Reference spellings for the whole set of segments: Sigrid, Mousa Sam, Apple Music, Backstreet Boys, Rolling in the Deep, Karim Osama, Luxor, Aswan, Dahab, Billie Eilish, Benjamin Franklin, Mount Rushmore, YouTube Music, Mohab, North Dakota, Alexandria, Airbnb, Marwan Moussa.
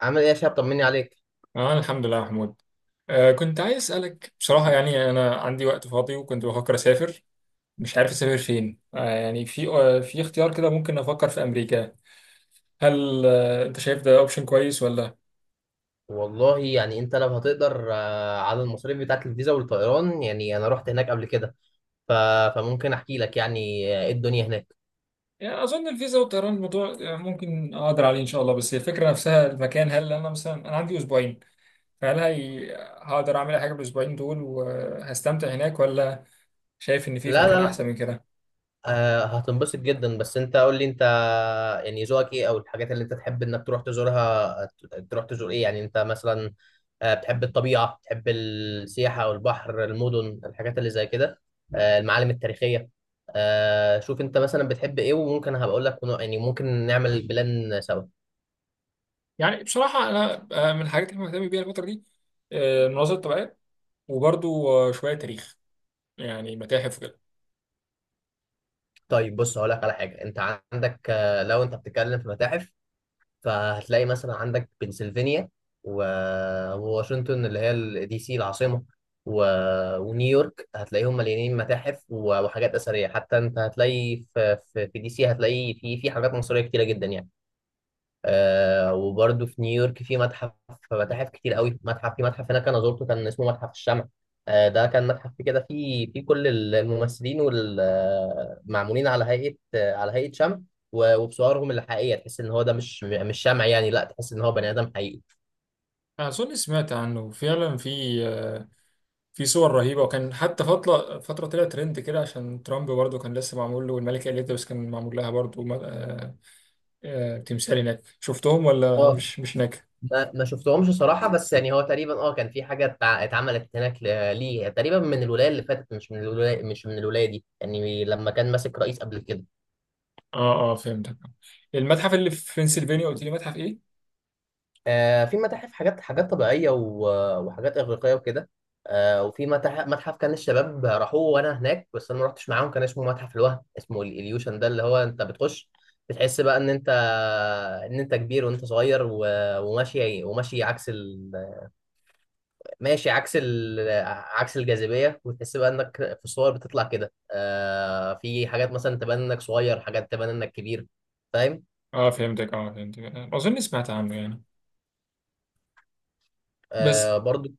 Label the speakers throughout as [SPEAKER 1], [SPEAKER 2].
[SPEAKER 1] عامل ايه يا شباب؟ طمني عليك.
[SPEAKER 2] اه، الحمد لله يا محمود. كنت عايز اسالك. بصراحه يعني انا عندي وقت فاضي وكنت بفكر اسافر، مش عارف اسافر فين. يعني في في اختيار كده، ممكن افكر في امريكا. هل انت شايف ده اوبشن كويس ولا؟
[SPEAKER 1] والله يعني انت لو هتقدر على المصاريف بتاعت الفيزا والطيران، يعني انا رحت هناك قبل كده. ف... فممكن احكي لك يعني، ايه الدنيا هناك.
[SPEAKER 2] يعني اظن الفيزا والطيران الموضوع ممكن اقدر عليه ان شاء الله، بس هي الفكره نفسها المكان. هل انا مثلا عندي اسبوعين؟ فهل هي... آه، هقدر اعمل أي حاجه بالاسبوعين دول وهستمتع هناك، ولا شايف ان في
[SPEAKER 1] لا
[SPEAKER 2] مكان
[SPEAKER 1] لا لا،
[SPEAKER 2] احسن من كده؟
[SPEAKER 1] هتنبسط جدا، بس انت قول لي انت يعني ذوقك ايه، او الحاجات اللي انت تحب انك تروح تزورها. تروح تزور ايه يعني انت مثلا؟ بتحب الطبيعة؟ بتحب السياحة او البحر، المدن، الحاجات اللي زي كده؟ المعالم التاريخية؟ شوف انت مثلا بتحب ايه، وممكن هبقول لك يعني ممكن نعمل بلان سوا.
[SPEAKER 2] يعني بصراحه انا، من الحاجات اللي مهتم بيها الفتره دي المناظر الطبيعية، وبرضو شوية تاريخ، يعني متاحف وكده.
[SPEAKER 1] طيب بص، هقول لك على حاجه. انت عندك لو انت بتتكلم في متاحف، فهتلاقي مثلا عندك بنسلفانيا وواشنطن، اللي هي دي سي العاصمه، و... ونيويورك. هتلاقيهم مليانين متاحف وحاجات اثريه. حتى انت هتلاقي في دي سي هتلاقي في حاجات مصريه كتيره جدا يعني. آه، وبرده في نيويورك في متاحف كتير قوي. متحف هناك انا زرته، كان اسمه متحف الشمع. آه، ده كان متحف كده فيه كل الممثلين والمعمولين على هيئة آه، على هيئة شمع، وبصورهم الحقيقية. تحس ان هو ده مش شمع يعني، لا، تحس ان هو بني ادم حقيقي.
[SPEAKER 2] أظن سمعت عنه فعلا، في آه، في صور رهيبة، وكان حتى فترة طلع ترند كده عشان ترامب برضه كان لسه معمول له، والملكة إليزابيث كان معمول لها برضه. تمثال هناك شفتهم ولا
[SPEAKER 1] اه،
[SPEAKER 2] مش هناك؟
[SPEAKER 1] ما شفتهمش صراحة، بس يعني هو تقريبا اه كان في حاجة اتعملت هناك ليه تقريبا من الولاية اللي فاتت، مش من الولاية دي يعني، لما كان ماسك رئيس قبل كده.
[SPEAKER 2] اه اه، فهمتك. المتحف اللي في بنسلفانيا قلت لي متحف ايه؟
[SPEAKER 1] في متاحف حاجات طبيعية وحاجات إغريقية وكده. وفي متاحف، متحف كان الشباب راحوه وأنا هناك بس أنا ما رحتش معاهم، كان اسمه متحف الوهم، اسمه الإليوشن. ده اللي هو أنت بتخش، بتحس بقى إن أنت كبير وأنت صغير، وماشي عكس ال... ماشي عكس ال... عكس الجاذبية. وتحس بقى إنك في الصور بتطلع كده، آه، في حاجات مثلا تبان إنك صغير، حاجات تبان إنك كبير. فاهم؟
[SPEAKER 2] اه فهمتك، اه فهمتك. أظن سمعت عنه يعني، بس
[SPEAKER 1] برضو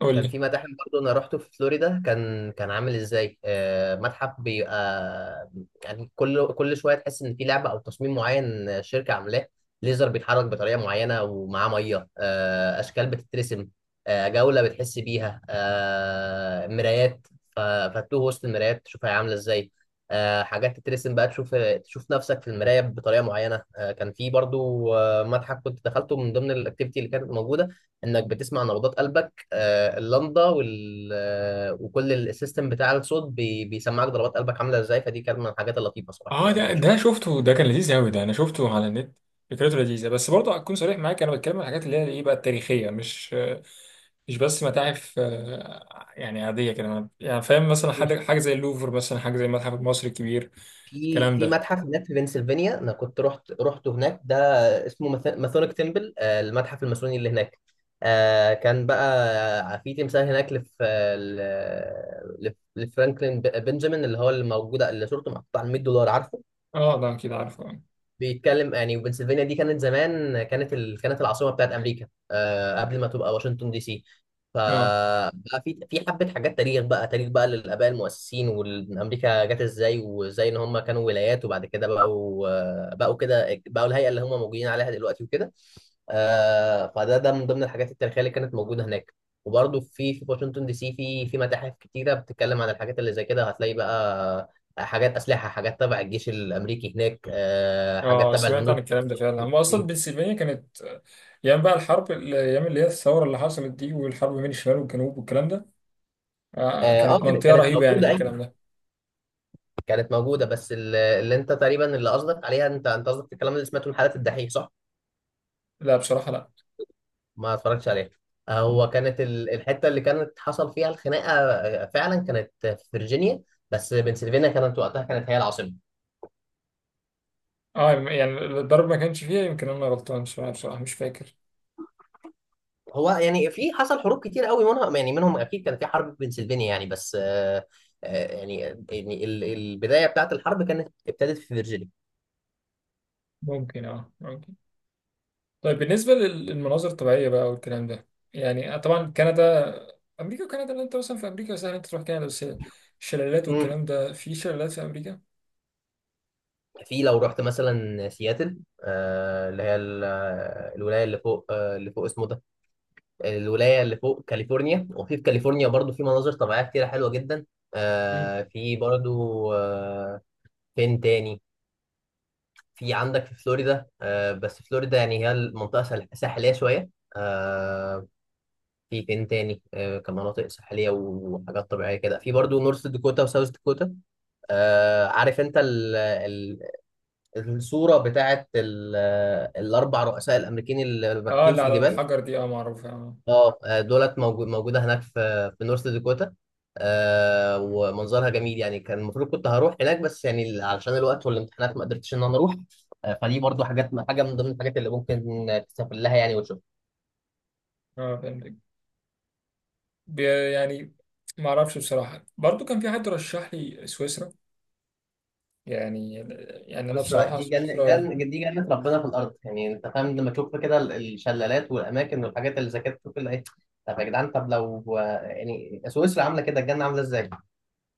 [SPEAKER 2] قول
[SPEAKER 1] كان
[SPEAKER 2] لي.
[SPEAKER 1] في متاحف برضه انا رحته في فلوريدا، كان كان عامل ازاي، متحف بيبقى يعني كل شويه تحس ان في لعبه او تصميم معين، شركه عاملاه. ليزر بيتحرك بطريقه معينه ومعاه ميه، اشكال بتترسم. جوله بتحس بيها، مرايات. ف- فتوه وسط المرايات تشوفها عامله ازاي. حاجات تترسم بقى، تشوف نفسك في المرايه بطريقه معينه. كان في برضه متحف كنت دخلته من ضمن الاكتيفيتي اللي كانت موجوده، انك بتسمع نبضات قلبك. اللمضه وال وكل السيستم بتاع الصوت بيسمعك ضربات قلبك عامله ازاي. فدي كانت من الحاجات اللطيفه صراحه
[SPEAKER 2] اه، ده
[SPEAKER 1] اللي
[SPEAKER 2] ده
[SPEAKER 1] شفتها.
[SPEAKER 2] شفته، ده كان لذيذ قوي، ده انا شفته على النت. فكرته لذيذه، بس برضه هكون صريح معاك، انا بتكلم عن الحاجات اللي هي ايه بقى، التاريخيه، مش بس متاحف يعني عاديه كده. يعني فاهم مثلا، حاجه زي اللوفر مثلا، حاجه زي المتحف المصري الكبير،
[SPEAKER 1] في
[SPEAKER 2] الكلام ده.
[SPEAKER 1] متحف هناك في بنسلفانيا، انا كنت رحت هناك ده، اسمه ماثونيك تمبل، المتحف الماسوني اللي هناك. كان بقى في تمثال هناك، لف آه، ل- لف- لفرانكلين بنجامين، اللي هو اللي موجوده، اللي صورته محطوطه على $100، عارفه؟
[SPEAKER 2] اه ده اكيد عارفه.
[SPEAKER 1] بيتكلم يعني. وبنسلفانيا دي كانت زمان، كانت العاصمه بتاعت امريكا، آه، قبل ما تبقى واشنطن دي سي.
[SPEAKER 2] اه
[SPEAKER 1] فبقى في حبه حاجات تاريخ بقى للاباء المؤسسين، وامريكا جت ازاي، وازاي ان هم كانوا ولايات، وبعد كده بقوا الهيئه اللي هم موجودين عليها دلوقتي وكده. آه، فده من ضمن الحاجات التاريخيه اللي كانت موجوده هناك. وبرضه في واشنطن دي سي في متاحف كتيره بتتكلم عن الحاجات اللي زي كده. هتلاقي بقى حاجات اسلحه، حاجات تبع الجيش الامريكي هناك، حاجات
[SPEAKER 2] اه،
[SPEAKER 1] تبع
[SPEAKER 2] سمعت عن
[SPEAKER 1] الهنود.
[SPEAKER 2] الكلام ده فعلا. هو اصلا بنسلفانيا كانت، ايام بقى الحرب، الايام اللي هي الثوره اللي حصلت دي، والحرب بين الشمال والجنوب والكلام ده.
[SPEAKER 1] اه،
[SPEAKER 2] كانت
[SPEAKER 1] كانت
[SPEAKER 2] منطقه
[SPEAKER 1] كانت
[SPEAKER 2] رهيبه يعني في
[SPEAKER 1] موجوده، ايوه،
[SPEAKER 2] الكلام ده.
[SPEAKER 1] كانت موجوده. بس اللي انت تقريبا اللي قصدك عليها، انت قصدك الكلام اللي سمعته من حلقه الدحيح، صح؟
[SPEAKER 2] لا بصراحه.
[SPEAKER 1] ما اتفرجتش عليها.
[SPEAKER 2] لا،
[SPEAKER 1] هو كانت الحته اللي كانت حصل فيها الخناقه فعلا كانت في فيرجينيا. بس بنسلفانيا كانت وقتها كانت هي العاصمه.
[SPEAKER 2] اه يعني الضرب ما كانش فيها، يمكن انا غلطان شويه بصراحه، مش فاكر.
[SPEAKER 1] هو يعني في حصل حروب كتير قوي، منهم يعني منهم اكيد كان في حرب في بنسلفانيا يعني، بس آه، آه، يعني يعني ال- البدايه بتاعت الحرب كانت ابتدت في فيرجينيا.
[SPEAKER 2] ممكن، اه ممكن. طيب بالنسبه للمناظر الطبيعيه بقى والكلام ده، يعني طبعا كندا. امريكا وكندا، لو انت مثلا في امريكا سهل انت تروح كندا. بس الشلالات
[SPEAKER 1] مم.
[SPEAKER 2] والكلام ده، في شلالات في امريكا؟
[SPEAKER 1] في، لو رحت مثلا سياتل، آه اللي هي ال- آه، الولايه اللي فوق، آه اللي فوق اسمه ده الولايه اللي فوق كاليفورنيا. وفي كاليفورنيا برضو في مناظر طبيعيه كتيره حلوه جدا.
[SPEAKER 2] امم.
[SPEAKER 1] آه في برضو آه فين تاني في عندك في فلوريدا، آه، بس فلوريدا يعني هي المنطقه ساحليه شويه. آه في فين تاني آه كمناطق ساحليه وحاجات طبيعيه كده، في برضو نورث داكوتا وساوث داكوتا. آه، عارف انت الصورة بتاعت الأربع رؤساء الأمريكيين اللي
[SPEAKER 2] اه،
[SPEAKER 1] راكبين
[SPEAKER 2] اللي
[SPEAKER 1] في
[SPEAKER 2] على
[SPEAKER 1] الجبال؟
[SPEAKER 2] الحجر دي، اه معروفه اه.
[SPEAKER 1] اه، موجودة هناك في في نورث داكوتا. آه، ومنظرها جميل يعني. كان المفروض كنت هروح هناك، بس يعني علشان الوقت والامتحانات ما قدرتش إن أنا أروح. آه، فدي برضو حاجة من ضمن الحاجات اللي ممكن تسافر لها يعني وتشوف.
[SPEAKER 2] اه فهمتك، يعني ما اعرفش بصراحه. برضو كان في حد رشح لي سويسرا يعني. يعني انا
[SPEAKER 1] بص،
[SPEAKER 2] بصراحه
[SPEAKER 1] دي جنة
[SPEAKER 2] سويسرا.
[SPEAKER 1] جن دي جنة ربنا في الأرض يعني، أنت فاهم لما تشوف كده الشلالات والأماكن والحاجات اللي زي كده، تشوف اللي إيه. طب يا جدعان، طب لو يعني سويسرا عاملة كده، الجنة عاملة إزاي؟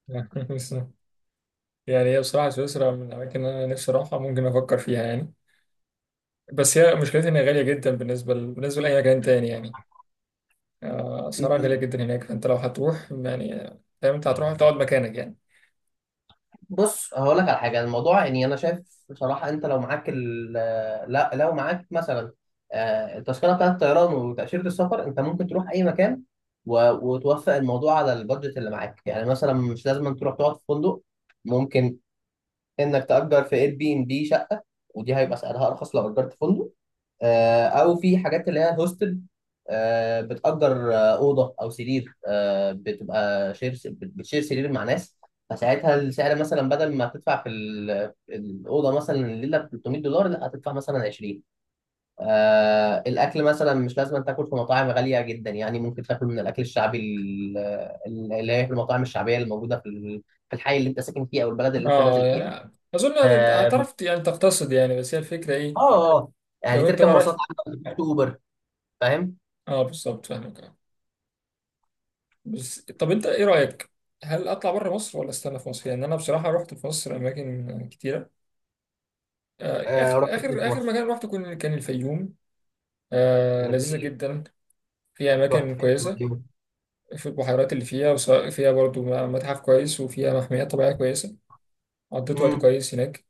[SPEAKER 2] يعني هي بصراحه سويسرا من الاماكن اللي انا نفسي اروحها، ممكن افكر فيها يعني. بس هي مشكلتها إنها غالية جدا بالنسبة لأي مكان تاني يعني. أسعارها غالية جدا هناك، فأنت لو هتروح يعني، فاهم، أنت هتروح تقعد مكانك يعني.
[SPEAKER 1] بص هقول لك على حاجه، الموضوع يعني انا شايف بصراحه انت لو معاك ال آه، لا، لو معاك مثلا التذكره بتاعت الطيران وتاشيره السفر، انت ممكن تروح اي مكان. وتوفق الموضوع على البادجت اللي معاك، يعني مثلا مش لازم تروح تقعد في فندق. ممكن انك تأجر في اير بي ام بي شقة، ودي هيبقى سعرها ارخص لو اجرت فندق. او في حاجات اللي هي هوستل، بتأجر أوضة أو سرير، بتبقى بتشير سرير مع ناس. فساعتها السعر مثلا بدل ما هتدفع في الأوضة مثلا الليلة ب $300، لا، هتدفع مثلا 20. الأكل مثلا مش لازم تاكل في مطاعم غالية جدا يعني، ممكن تاكل من الأكل الشعبي، اللي هي في المطاعم الشعبية اللي موجودة في الحي اللي أنت ساكن فيه، أو البلد اللي أنت
[SPEAKER 2] أه،
[SPEAKER 1] نازل فيها.
[SPEAKER 2] يعني أظن
[SPEAKER 1] اه.
[SPEAKER 2] هتعرف يعني تقتصد يعني. بس هي الفكرة إيه
[SPEAKER 1] آه، آه. يعني
[SPEAKER 2] لو أنت
[SPEAKER 1] تركب
[SPEAKER 2] بقى
[SPEAKER 1] مواصلات
[SPEAKER 2] رحت.
[SPEAKER 1] عامة، ما تروحش اوبر. فاهم؟
[SPEAKER 2] أه بالظبط، فاهمك أه. بس طب أنت إيه رأيك؟ هل أطلع بره مصر ولا أستنى في مصر؟ يعني أنا بصراحة رحت في مصر أماكن كتيرة.
[SPEAKER 1] آه،
[SPEAKER 2] آخر
[SPEAKER 1] رحت فين
[SPEAKER 2] آخر
[SPEAKER 1] في
[SPEAKER 2] آخر
[SPEAKER 1] مصر؟
[SPEAKER 2] مكان رحته كان الفيوم.
[SPEAKER 1] من
[SPEAKER 2] لذيذة
[SPEAKER 1] بعيد.
[SPEAKER 2] جدا، فيها
[SPEAKER 1] رحت
[SPEAKER 2] أماكن
[SPEAKER 1] فين
[SPEAKER 2] كويسة،
[SPEAKER 1] في مصر؟
[SPEAKER 2] في البحيرات اللي فيها، وسواء فيها برضو متحف كويس، وفيها محميات طبيعية كويسة. قضيت وقت
[SPEAKER 1] امم.
[SPEAKER 2] كويس هناك.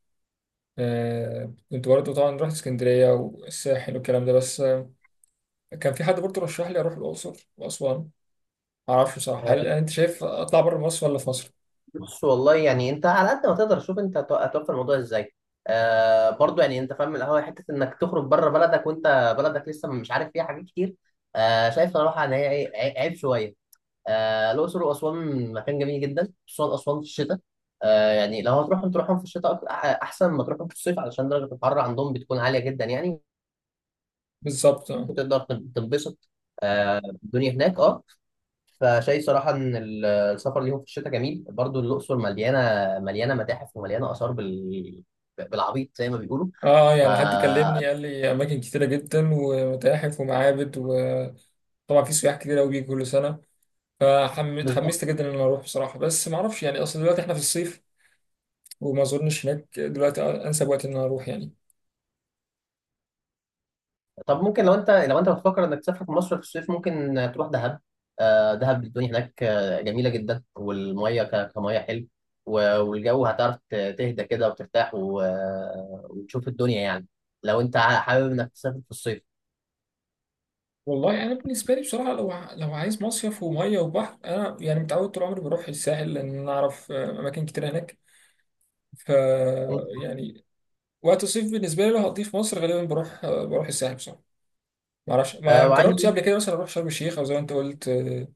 [SPEAKER 2] كنت برضو طبعا رحت اسكندرية والساحل والكلام ده، بس كان في حد برضو رشح لي أروح الأقصر وأسوان. معرفش بصراحة، هل
[SPEAKER 1] آه،
[SPEAKER 2] أنت شايف أطلع بره مصر ولا في مصر؟
[SPEAKER 1] بص والله يعني انت على قد ما تقدر شوف انت هتوفر الموضوع ازاي. آه، برضو يعني انت فاهم القهوه حته انك تخرج بره بلدك وانت بلدك لسه مش عارف فيها حاجات كتير. آه، شايف صراحه ان هي إيه، عيب شويه. آه، الاقصر واسوان مكان جميل جدا، خصوصا اسوان في الشتاء. آه، يعني لو هتروحهم تروحهم في الشتاء، احسن ما تروحهم في الصيف، علشان درجه الحراره عندهم بتكون عاليه جدا يعني.
[SPEAKER 2] بالظبط آه.
[SPEAKER 1] وتقدر تنبسط، الدنيا هناك اه. فشايف صراحة إن السفر ليهم في الشتاء جميل. برضو الأقصر مليانة متاحف ومليانة آثار بالعبيط زي ما بيقولوا. ف
[SPEAKER 2] يعني حد كلمني قال لي أماكن كتيرة جدا، ومتاحف ومعابد، وطبعا في سياح كتير أوي بيجوا كل سنة. فحمست،
[SPEAKER 1] بالظبط.
[SPEAKER 2] جدا إن أنا أروح بصراحة. بس معرفش يعني، أصل دلوقتي إحنا في الصيف، وما اظنش هناك دلوقتي انسب وقت ان انا اروح يعني.
[SPEAKER 1] طب ممكن لو أنت بتفكر إنك تسافر في مصر في الصيف، ممكن تروح دهب. دهب الدنيا هناك جميلة جدا، والمية كمية حلو. والجو هتعرف تهدى كده وترتاح وتشوف الدنيا يعني، لو أنت حابب إنك تسافر في الصيف.
[SPEAKER 2] والله انا بالنسبه لي بصراحه، لو لو عايز مصيف وميه وبحر، انا يعني متعود طول عمري بروح الساحل، لان انا اعرف اماكن كتير هناك. ف
[SPEAKER 1] مم.
[SPEAKER 2] يعني وقت الصيف بالنسبه لي لو هقضيه في مصر غالبا بروح، الساحل بصراحه. ما اعرفش، ما
[SPEAKER 1] وعايز،
[SPEAKER 2] جربتش قبل كده مثلا اروح شرم الشيخ، او زي ما انت قلت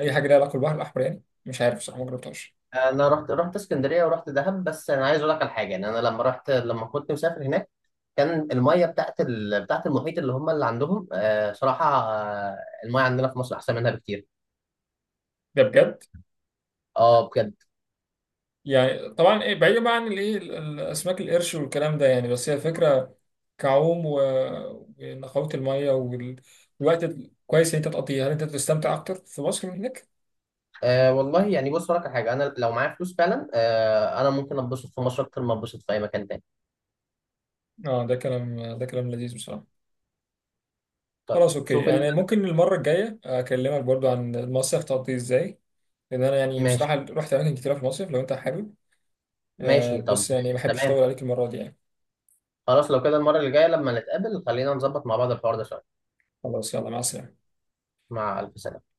[SPEAKER 2] اي حاجه ليها علاقه بالبحر الاحمر. يعني مش عارف بصراحه، ما جربتهاش.
[SPEAKER 1] انا رحت اسكندريه ورحت دهب، بس انا عايز اقول لك على حاجه يعني. انا لما رحت، لما كنت مسافر هناك، كان الميه بتاعت المحيط اللي هم اللي عندهم آه صراحه، آه، الميه عندنا في مصر احسن منها بكتير.
[SPEAKER 2] ده بجد؟
[SPEAKER 1] اه بجد.
[SPEAKER 2] يعني طبعا ايه، بعيدا بقى عن الايه الاسماك القرش والكلام ده يعني. بس هي الفكره، كعوم ونقاوه الميه والوقت كويس ان انت تقضيه، هل انت تستمتع اكتر في مصر من هناك؟
[SPEAKER 1] آه، والله يعني بص اقول لك على حاجه، انا لو معايا فلوس فعلا آه، انا ممكن اتبسط في مصر اكتر ما اتبسط في اي مكان تاني.
[SPEAKER 2] اه ده كلام، ده كلام لذيذ بصراحه.
[SPEAKER 1] طيب
[SPEAKER 2] خلاص اوكي،
[SPEAKER 1] شوف انت.
[SPEAKER 2] يعني ممكن المره الجايه اكلمك برضو عن المصيف تقضيه ازاي، لان انا يعني بصراحه
[SPEAKER 1] ماشي،
[SPEAKER 2] رحت اماكن كتيره في المصيف، لو انت حابب. آه
[SPEAKER 1] ماشي، طب،
[SPEAKER 2] بس يعني ما احبش
[SPEAKER 1] تمام.
[SPEAKER 2] اطول عليك المره دي يعني.
[SPEAKER 1] خلاص لو كده، المره اللي جايه لما نتقابل خلينا نظبط مع بعض الحوار ده شويه.
[SPEAKER 2] خلاص، يلا مع السلامه.
[SPEAKER 1] مع الف سلامه.